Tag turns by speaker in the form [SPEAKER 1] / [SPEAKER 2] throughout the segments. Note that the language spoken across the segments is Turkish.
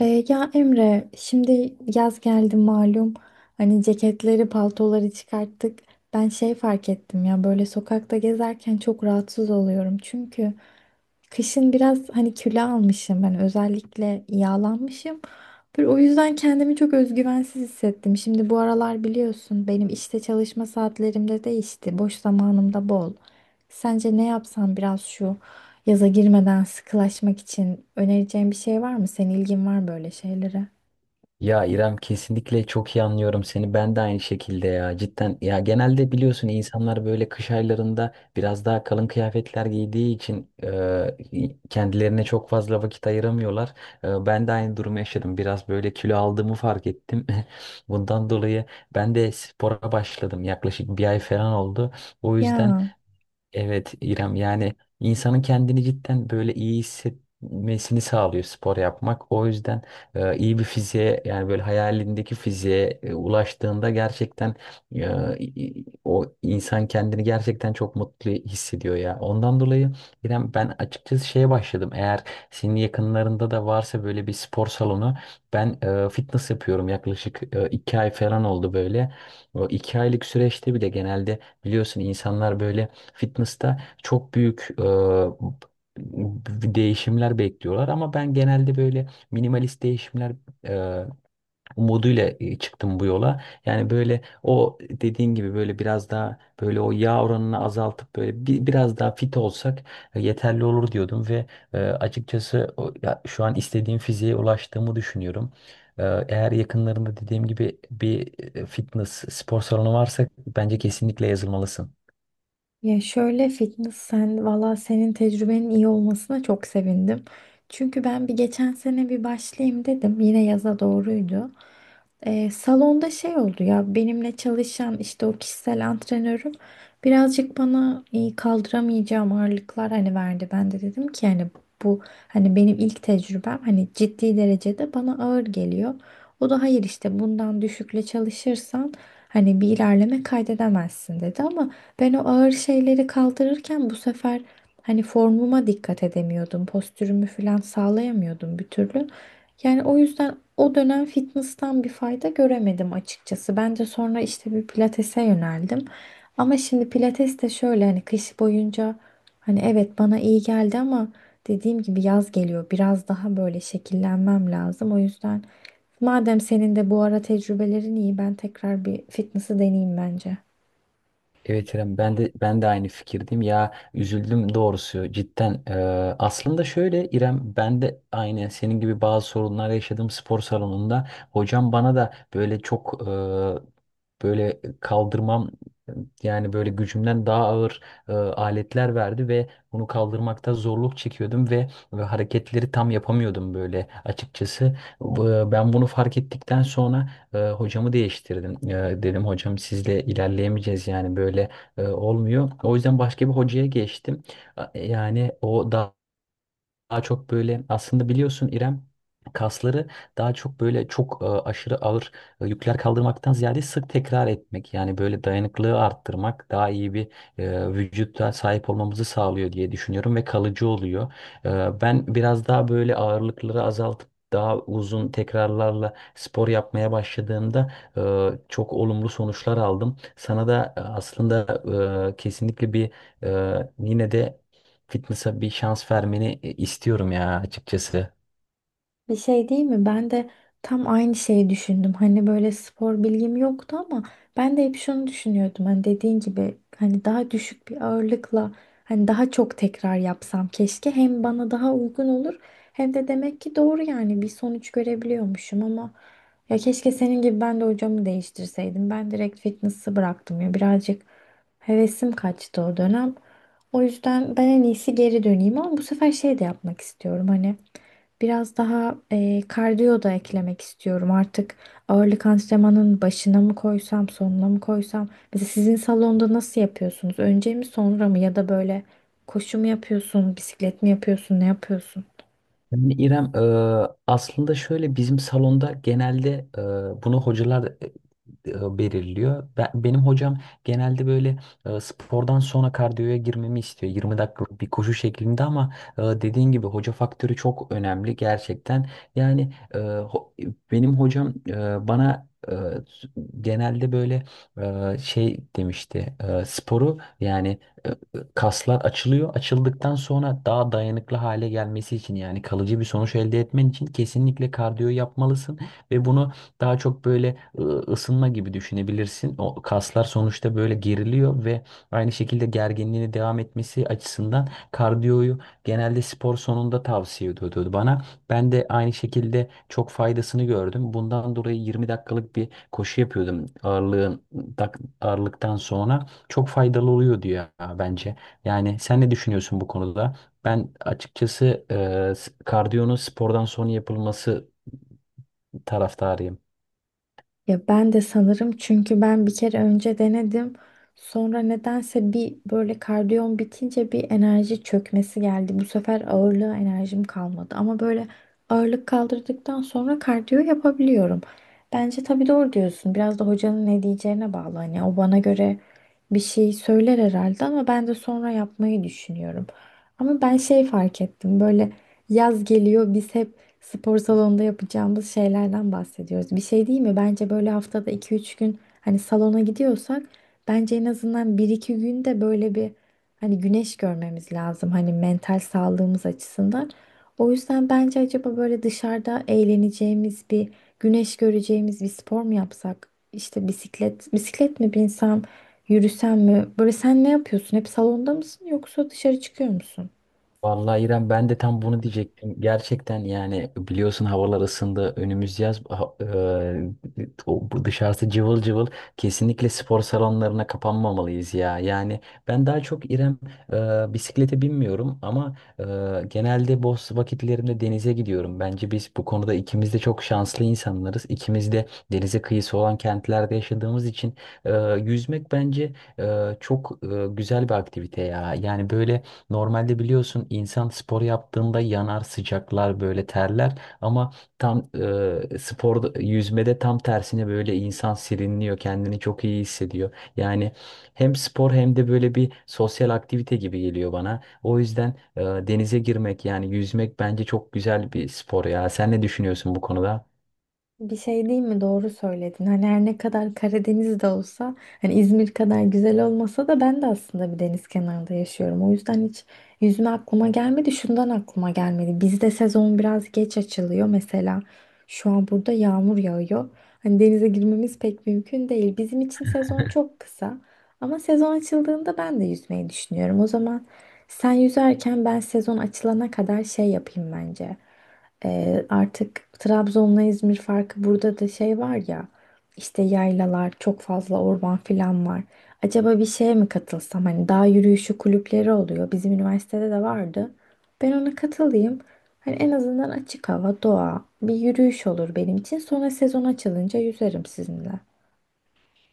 [SPEAKER 1] Ya Emre, şimdi yaz geldi malum. Hani ceketleri, paltoları çıkarttık. Ben şey fark ettim ya böyle sokakta gezerken çok rahatsız oluyorum. Çünkü kışın biraz hani kilo almışım ben özellikle yağlanmışım. Böyle o yüzden kendimi çok özgüvensiz hissettim. Şimdi bu aralar biliyorsun benim işte çalışma saatlerimde değişti. Boş zamanım da bol. Sence ne yapsam biraz şu yaza girmeden sıkılaşmak için önereceğin bir şey var mı? Senin ilgin var böyle şeylere.
[SPEAKER 2] Ya İrem, kesinlikle çok iyi anlıyorum seni. Ben de aynı şekilde ya. Cidden ya, genelde biliyorsun, insanlar böyle kış aylarında biraz daha kalın kıyafetler giydiği için kendilerine çok fazla vakit ayıramıyorlar. Ben de aynı durumu yaşadım. Biraz böyle kilo aldığımı fark ettim. Bundan dolayı ben de spora başladım. Yaklaşık 1 ay falan oldu. O yüzden
[SPEAKER 1] Ya.
[SPEAKER 2] evet İrem, yani insanın kendini cidden böyle iyi hissetmesini sağlıyor spor yapmak. O yüzden iyi bir fiziğe, yani böyle hayalindeki fiziğe ulaştığında gerçekten o insan kendini gerçekten çok mutlu hissediyor ya. Ondan dolayı İrem, ben açıkçası şeye başladım. Eğer senin yakınlarında da varsa böyle bir spor salonu, ben fitness yapıyorum, yaklaşık 2 ay falan oldu böyle. O 2 aylık süreçte bile genelde, biliyorsun, insanlar böyle fitness'ta çok büyük değişimler bekliyorlar ama ben genelde böyle minimalist değişimler e, umuduyla çıktım bu yola. Yani böyle o dediğin gibi böyle biraz daha böyle o yağ oranını azaltıp böyle biraz daha fit olsak yeterli olur diyordum. Ve açıkçası ya şu an istediğim fiziğe ulaştığımı düşünüyorum. Eğer yakınlarında dediğim gibi bir fitness spor salonu varsa, bence kesinlikle yazılmalısın.
[SPEAKER 1] Ya şöyle fitness sen valla senin tecrübenin iyi olmasına çok sevindim. Çünkü ben geçen sene bir başlayayım dedim. Yine yaza doğruydu. Salonda şey oldu ya benimle çalışan işte o kişisel antrenörüm birazcık bana kaldıramayacağım ağırlıklar hani verdi. Ben de dedim ki hani bu hani benim ilk tecrübem hani ciddi derecede bana ağır geliyor. O da hayır işte bundan düşükle çalışırsan hani bir ilerleme kaydedemezsin dedi, ama ben o ağır şeyleri kaldırırken bu sefer hani formuma dikkat edemiyordum. Postürümü falan sağlayamıyordum bir türlü. Yani o yüzden o dönem fitness'tan bir fayda göremedim açıkçası. Ben de sonra işte bir pilatese yöneldim. Ama şimdi pilates de şöyle hani kış boyunca hani evet bana iyi geldi ama dediğim gibi yaz geliyor. Biraz daha böyle şekillenmem lazım. O yüzden madem senin de bu ara tecrübelerin iyi ben tekrar bir fitness'ı deneyeyim bence.
[SPEAKER 2] Evet İrem, ben de aynı fikirdeyim ya. Üzüldüm doğrusu, cidden. Aslında şöyle İrem, ben de aynı senin gibi bazı sorunlar yaşadım spor salonunda. Hocam bana da böyle çok böyle kaldırmam, yani böyle gücümden daha ağır aletler verdi ve bunu kaldırmakta zorluk çekiyordum ve hareketleri tam yapamıyordum böyle, açıkçası. Ben bunu fark ettikten sonra hocamı değiştirdim. E, dedim, hocam sizle ilerleyemeyeceğiz, yani böyle olmuyor. O yüzden başka bir hocaya geçtim. Yani o daha çok böyle, aslında biliyorsun İrem, kasları daha çok böyle çok aşırı ağır yükler kaldırmaktan ziyade sık tekrar etmek, yani böyle dayanıklılığı arttırmak daha iyi bir vücutta sahip olmamızı sağlıyor diye düşünüyorum ve kalıcı oluyor. E, ben biraz daha böyle ağırlıkları azaltıp daha uzun tekrarlarla spor yapmaya başladığımda çok olumlu sonuçlar aldım. Sana da aslında kesinlikle bir yine de fitness'a bir şans vermeni istiyorum ya, açıkçası.
[SPEAKER 1] Bir şey değil mi? Ben de tam aynı şeyi düşündüm. Hani böyle spor bilgim yoktu ama ben de hep şunu düşünüyordum. Hani dediğin gibi hani daha düşük bir ağırlıkla hani daha çok tekrar yapsam keşke hem bana daha uygun olur hem de demek ki doğru yani bir sonuç görebiliyormuşum ama ya keşke senin gibi ben de hocamı değiştirseydim. Ben direkt fitness'ı bıraktım ya birazcık hevesim kaçtı o dönem. O yüzden ben en iyisi geri döneyim ama bu sefer şey de yapmak istiyorum hani biraz daha kardiyo da eklemek istiyorum. Artık ağırlık antrenmanının başına mı koysam, sonuna mı koysam? Mesela sizin salonda nasıl yapıyorsunuz? Önce mi, sonra mı? Ya da böyle koşu mu yapıyorsun, bisiklet mi yapıyorsun, ne yapıyorsun?
[SPEAKER 2] Yani İrem, aslında şöyle, bizim salonda genelde bunu hocalar belirliyor. Benim hocam genelde böyle spordan sonra kardiyoya girmemi istiyor. 20 dakikalık bir koşu şeklinde. Ama dediğin gibi, hoca faktörü çok önemli gerçekten. Yani benim hocam bana genelde böyle şey demişti. E, sporu yani e, e, kaslar açılıyor. Açıldıktan sonra daha dayanıklı hale gelmesi için, yani kalıcı bir sonuç elde etmen için kesinlikle kardiyo yapmalısın ve bunu daha çok böyle ısınma gibi düşünebilirsin. O kaslar sonuçta böyle geriliyor ve aynı şekilde gerginliğini devam etmesi açısından kardiyoyu genelde spor sonunda tavsiye ediyordu bana. Ben de aynı şekilde çok faydasını gördüm. Bundan dolayı 20 dakikalık bir koşu yapıyordum ağırlıktan sonra. Çok faydalı oluyor diyor ya, bence. Yani sen ne düşünüyorsun bu konuda? Ben açıkçası kardiyonun spordan sonra yapılması taraftarıyım.
[SPEAKER 1] Ya ben de sanırım çünkü ben bir kere önce denedim. Sonra nedense bir böyle kardiyom bitince bir enerji çökmesi geldi. Bu sefer ağırlığa enerjim kalmadı. Ama böyle ağırlık kaldırdıktan sonra kardiyo yapabiliyorum. Bence tabii doğru diyorsun. Biraz da hocanın ne diyeceğine bağlı. Hani o bana göre bir şey söyler herhalde ama ben de sonra yapmayı düşünüyorum. Ama ben şey fark ettim. Böyle yaz geliyor biz hep spor salonunda yapacağımız şeylerden bahsediyoruz. Bir şey değil mi? Bence böyle haftada iki üç gün hani salona gidiyorsak bence en azından bir iki gün de böyle bir hani güneş görmemiz lazım hani mental sağlığımız açısından. O yüzden bence acaba böyle dışarıda eğleneceğimiz bir güneş göreceğimiz bir spor mu yapsak? İşte bisiklet, mi binsem, yürüsem mi? Böyle sen ne yapıyorsun? Hep salonda mısın yoksa dışarı çıkıyor musun?
[SPEAKER 2] Vallahi İrem, ben de tam bunu diyecektim. Gerçekten, yani biliyorsun, havalar ısındı. Önümüz yaz bu dışarısı cıvıl cıvıl. Kesinlikle spor salonlarına kapanmamalıyız ya. Yani ben daha çok İrem, bisiklete binmiyorum ama genelde boş vakitlerimde denize gidiyorum. Bence biz bu konuda ikimiz de çok şanslı insanlarız. İkimiz de denize kıyısı olan kentlerde yaşadığımız için e, yüzmek bence çok güzel bir aktivite ya. Yani böyle, normalde biliyorsun, insan spor yaptığında yanar, sıcaklar böyle, terler ama tam spor yüzmede tam tersine böyle insan serinliyor, kendini çok iyi hissediyor. Yani hem spor hem de böyle bir sosyal aktivite gibi geliyor bana. O yüzden denize girmek, yani yüzmek, bence çok güzel bir spor ya. Sen ne düşünüyorsun bu konuda?
[SPEAKER 1] Bir şey değil mi? Doğru söyledin. Hani her ne kadar Karadeniz'de olsa, hani İzmir kadar güzel olmasa da ben de aslında bir deniz kenarında yaşıyorum. O yüzden hiç yüzme aklıma gelmedi. Şundan aklıma gelmedi. Bizde sezon biraz geç açılıyor. Mesela şu an burada yağmur yağıyor. Hani denize girmemiz pek mümkün değil. Bizim için sezon çok kısa. Ama sezon açıldığında ben de yüzmeyi düşünüyorum. O zaman sen yüzerken ben sezon açılana kadar şey yapayım bence. Artık Trabzon'la İzmir farkı burada da şey var ya işte yaylalar çok fazla orman filan var. Acaba bir şeye mi katılsam hani dağ yürüyüşü kulüpleri oluyor bizim üniversitede de vardı. Ben ona katılayım. Hani en azından açık hava, doğa, bir yürüyüş olur benim için. Sonra sezon açılınca yüzerim sizinle.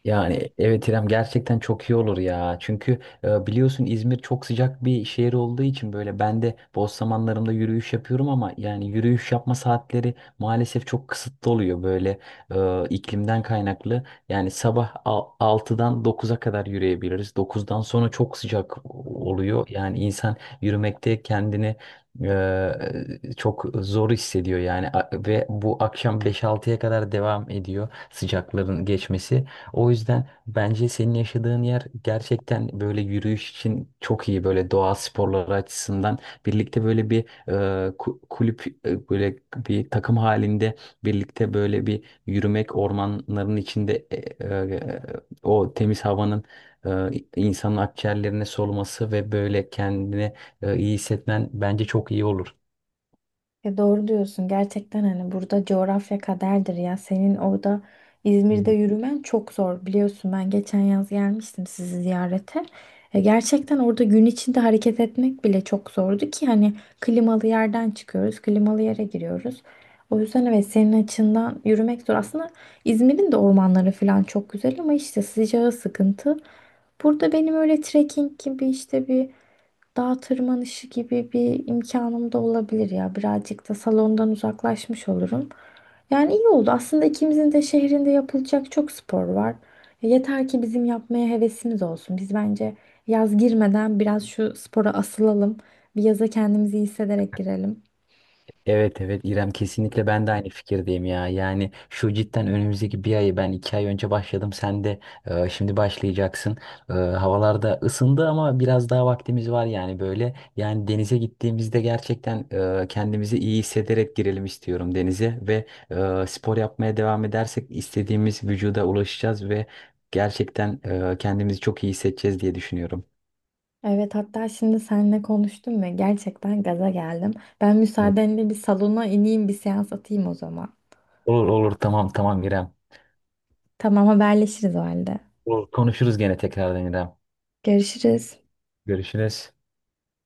[SPEAKER 2] Yani evet İrem, gerçekten çok iyi olur ya. Çünkü biliyorsun, İzmir çok sıcak bir şehir olduğu için böyle ben de boş zamanlarımda yürüyüş yapıyorum ama yani yürüyüş yapma saatleri maalesef çok kısıtlı oluyor böyle, iklimden kaynaklı. Yani sabah 6'dan 9'a kadar yürüyebiliriz. 9'dan sonra çok sıcak oluyor. Yani insan yürümekte kendini e, çok zor hissediyor yani. Ve bu akşam beş altıya kadar devam ediyor sıcakların geçmesi. O yüzden bence senin yaşadığın yer gerçekten böyle yürüyüş için çok iyi, böyle doğa sporları açısından birlikte böyle bir e, kulüp, böyle bir takım halinde birlikte böyle bir yürümek ormanların içinde, e, o temiz havanın e, insanın akciğerlerine soluması ve böyle kendini iyi hissetmen bence çok iyi olur.
[SPEAKER 1] Ya doğru diyorsun. Gerçekten hani burada coğrafya kaderdir ya. Senin orada İzmir'de yürümen çok zor. Biliyorsun ben geçen yaz gelmiştim sizi ziyarete. Gerçekten orada gün içinde hareket etmek bile çok zordu ki hani klimalı yerden çıkıyoruz, klimalı yere giriyoruz. O yüzden evet senin açından yürümek zor. Aslında İzmir'in de ormanları falan çok güzel ama işte sıcağı sıkıntı. Burada benim öyle trekking gibi işte bir dağ tırmanışı gibi bir imkanım da olabilir ya. Birazcık da salondan uzaklaşmış olurum. Yani iyi oldu. Aslında ikimizin de şehrinde yapılacak çok spor var. Yeter ki bizim yapmaya hevesimiz olsun. Biz bence yaz girmeden biraz şu spora asılalım. Bir yaza kendimizi iyi hissederek girelim.
[SPEAKER 2] Evet evet İrem, kesinlikle ben de aynı fikirdeyim ya. Yani şu cidden önümüzdeki bir ayı, ben 2 ay önce başladım, sen de şimdi başlayacaksın. E, havalar da ısındı ama biraz daha vaktimiz var yani böyle. Yani denize gittiğimizde gerçekten kendimizi iyi hissederek girelim istiyorum denize. Ve spor yapmaya devam edersek istediğimiz vücuda ulaşacağız ve gerçekten kendimizi çok iyi hissedeceğiz diye düşünüyorum.
[SPEAKER 1] Evet, hatta şimdi seninle konuştum ve gerçekten gaza geldim. Ben
[SPEAKER 2] Evet.
[SPEAKER 1] müsaadenle bir salona ineyim bir seans atayım o zaman.
[SPEAKER 2] Olur olur, tamam tamam İrem.
[SPEAKER 1] Tamam, haberleşiriz o halde.
[SPEAKER 2] Olur. Konuşuruz gene tekrardan İrem.
[SPEAKER 1] Görüşürüz.
[SPEAKER 2] Görüşürüz.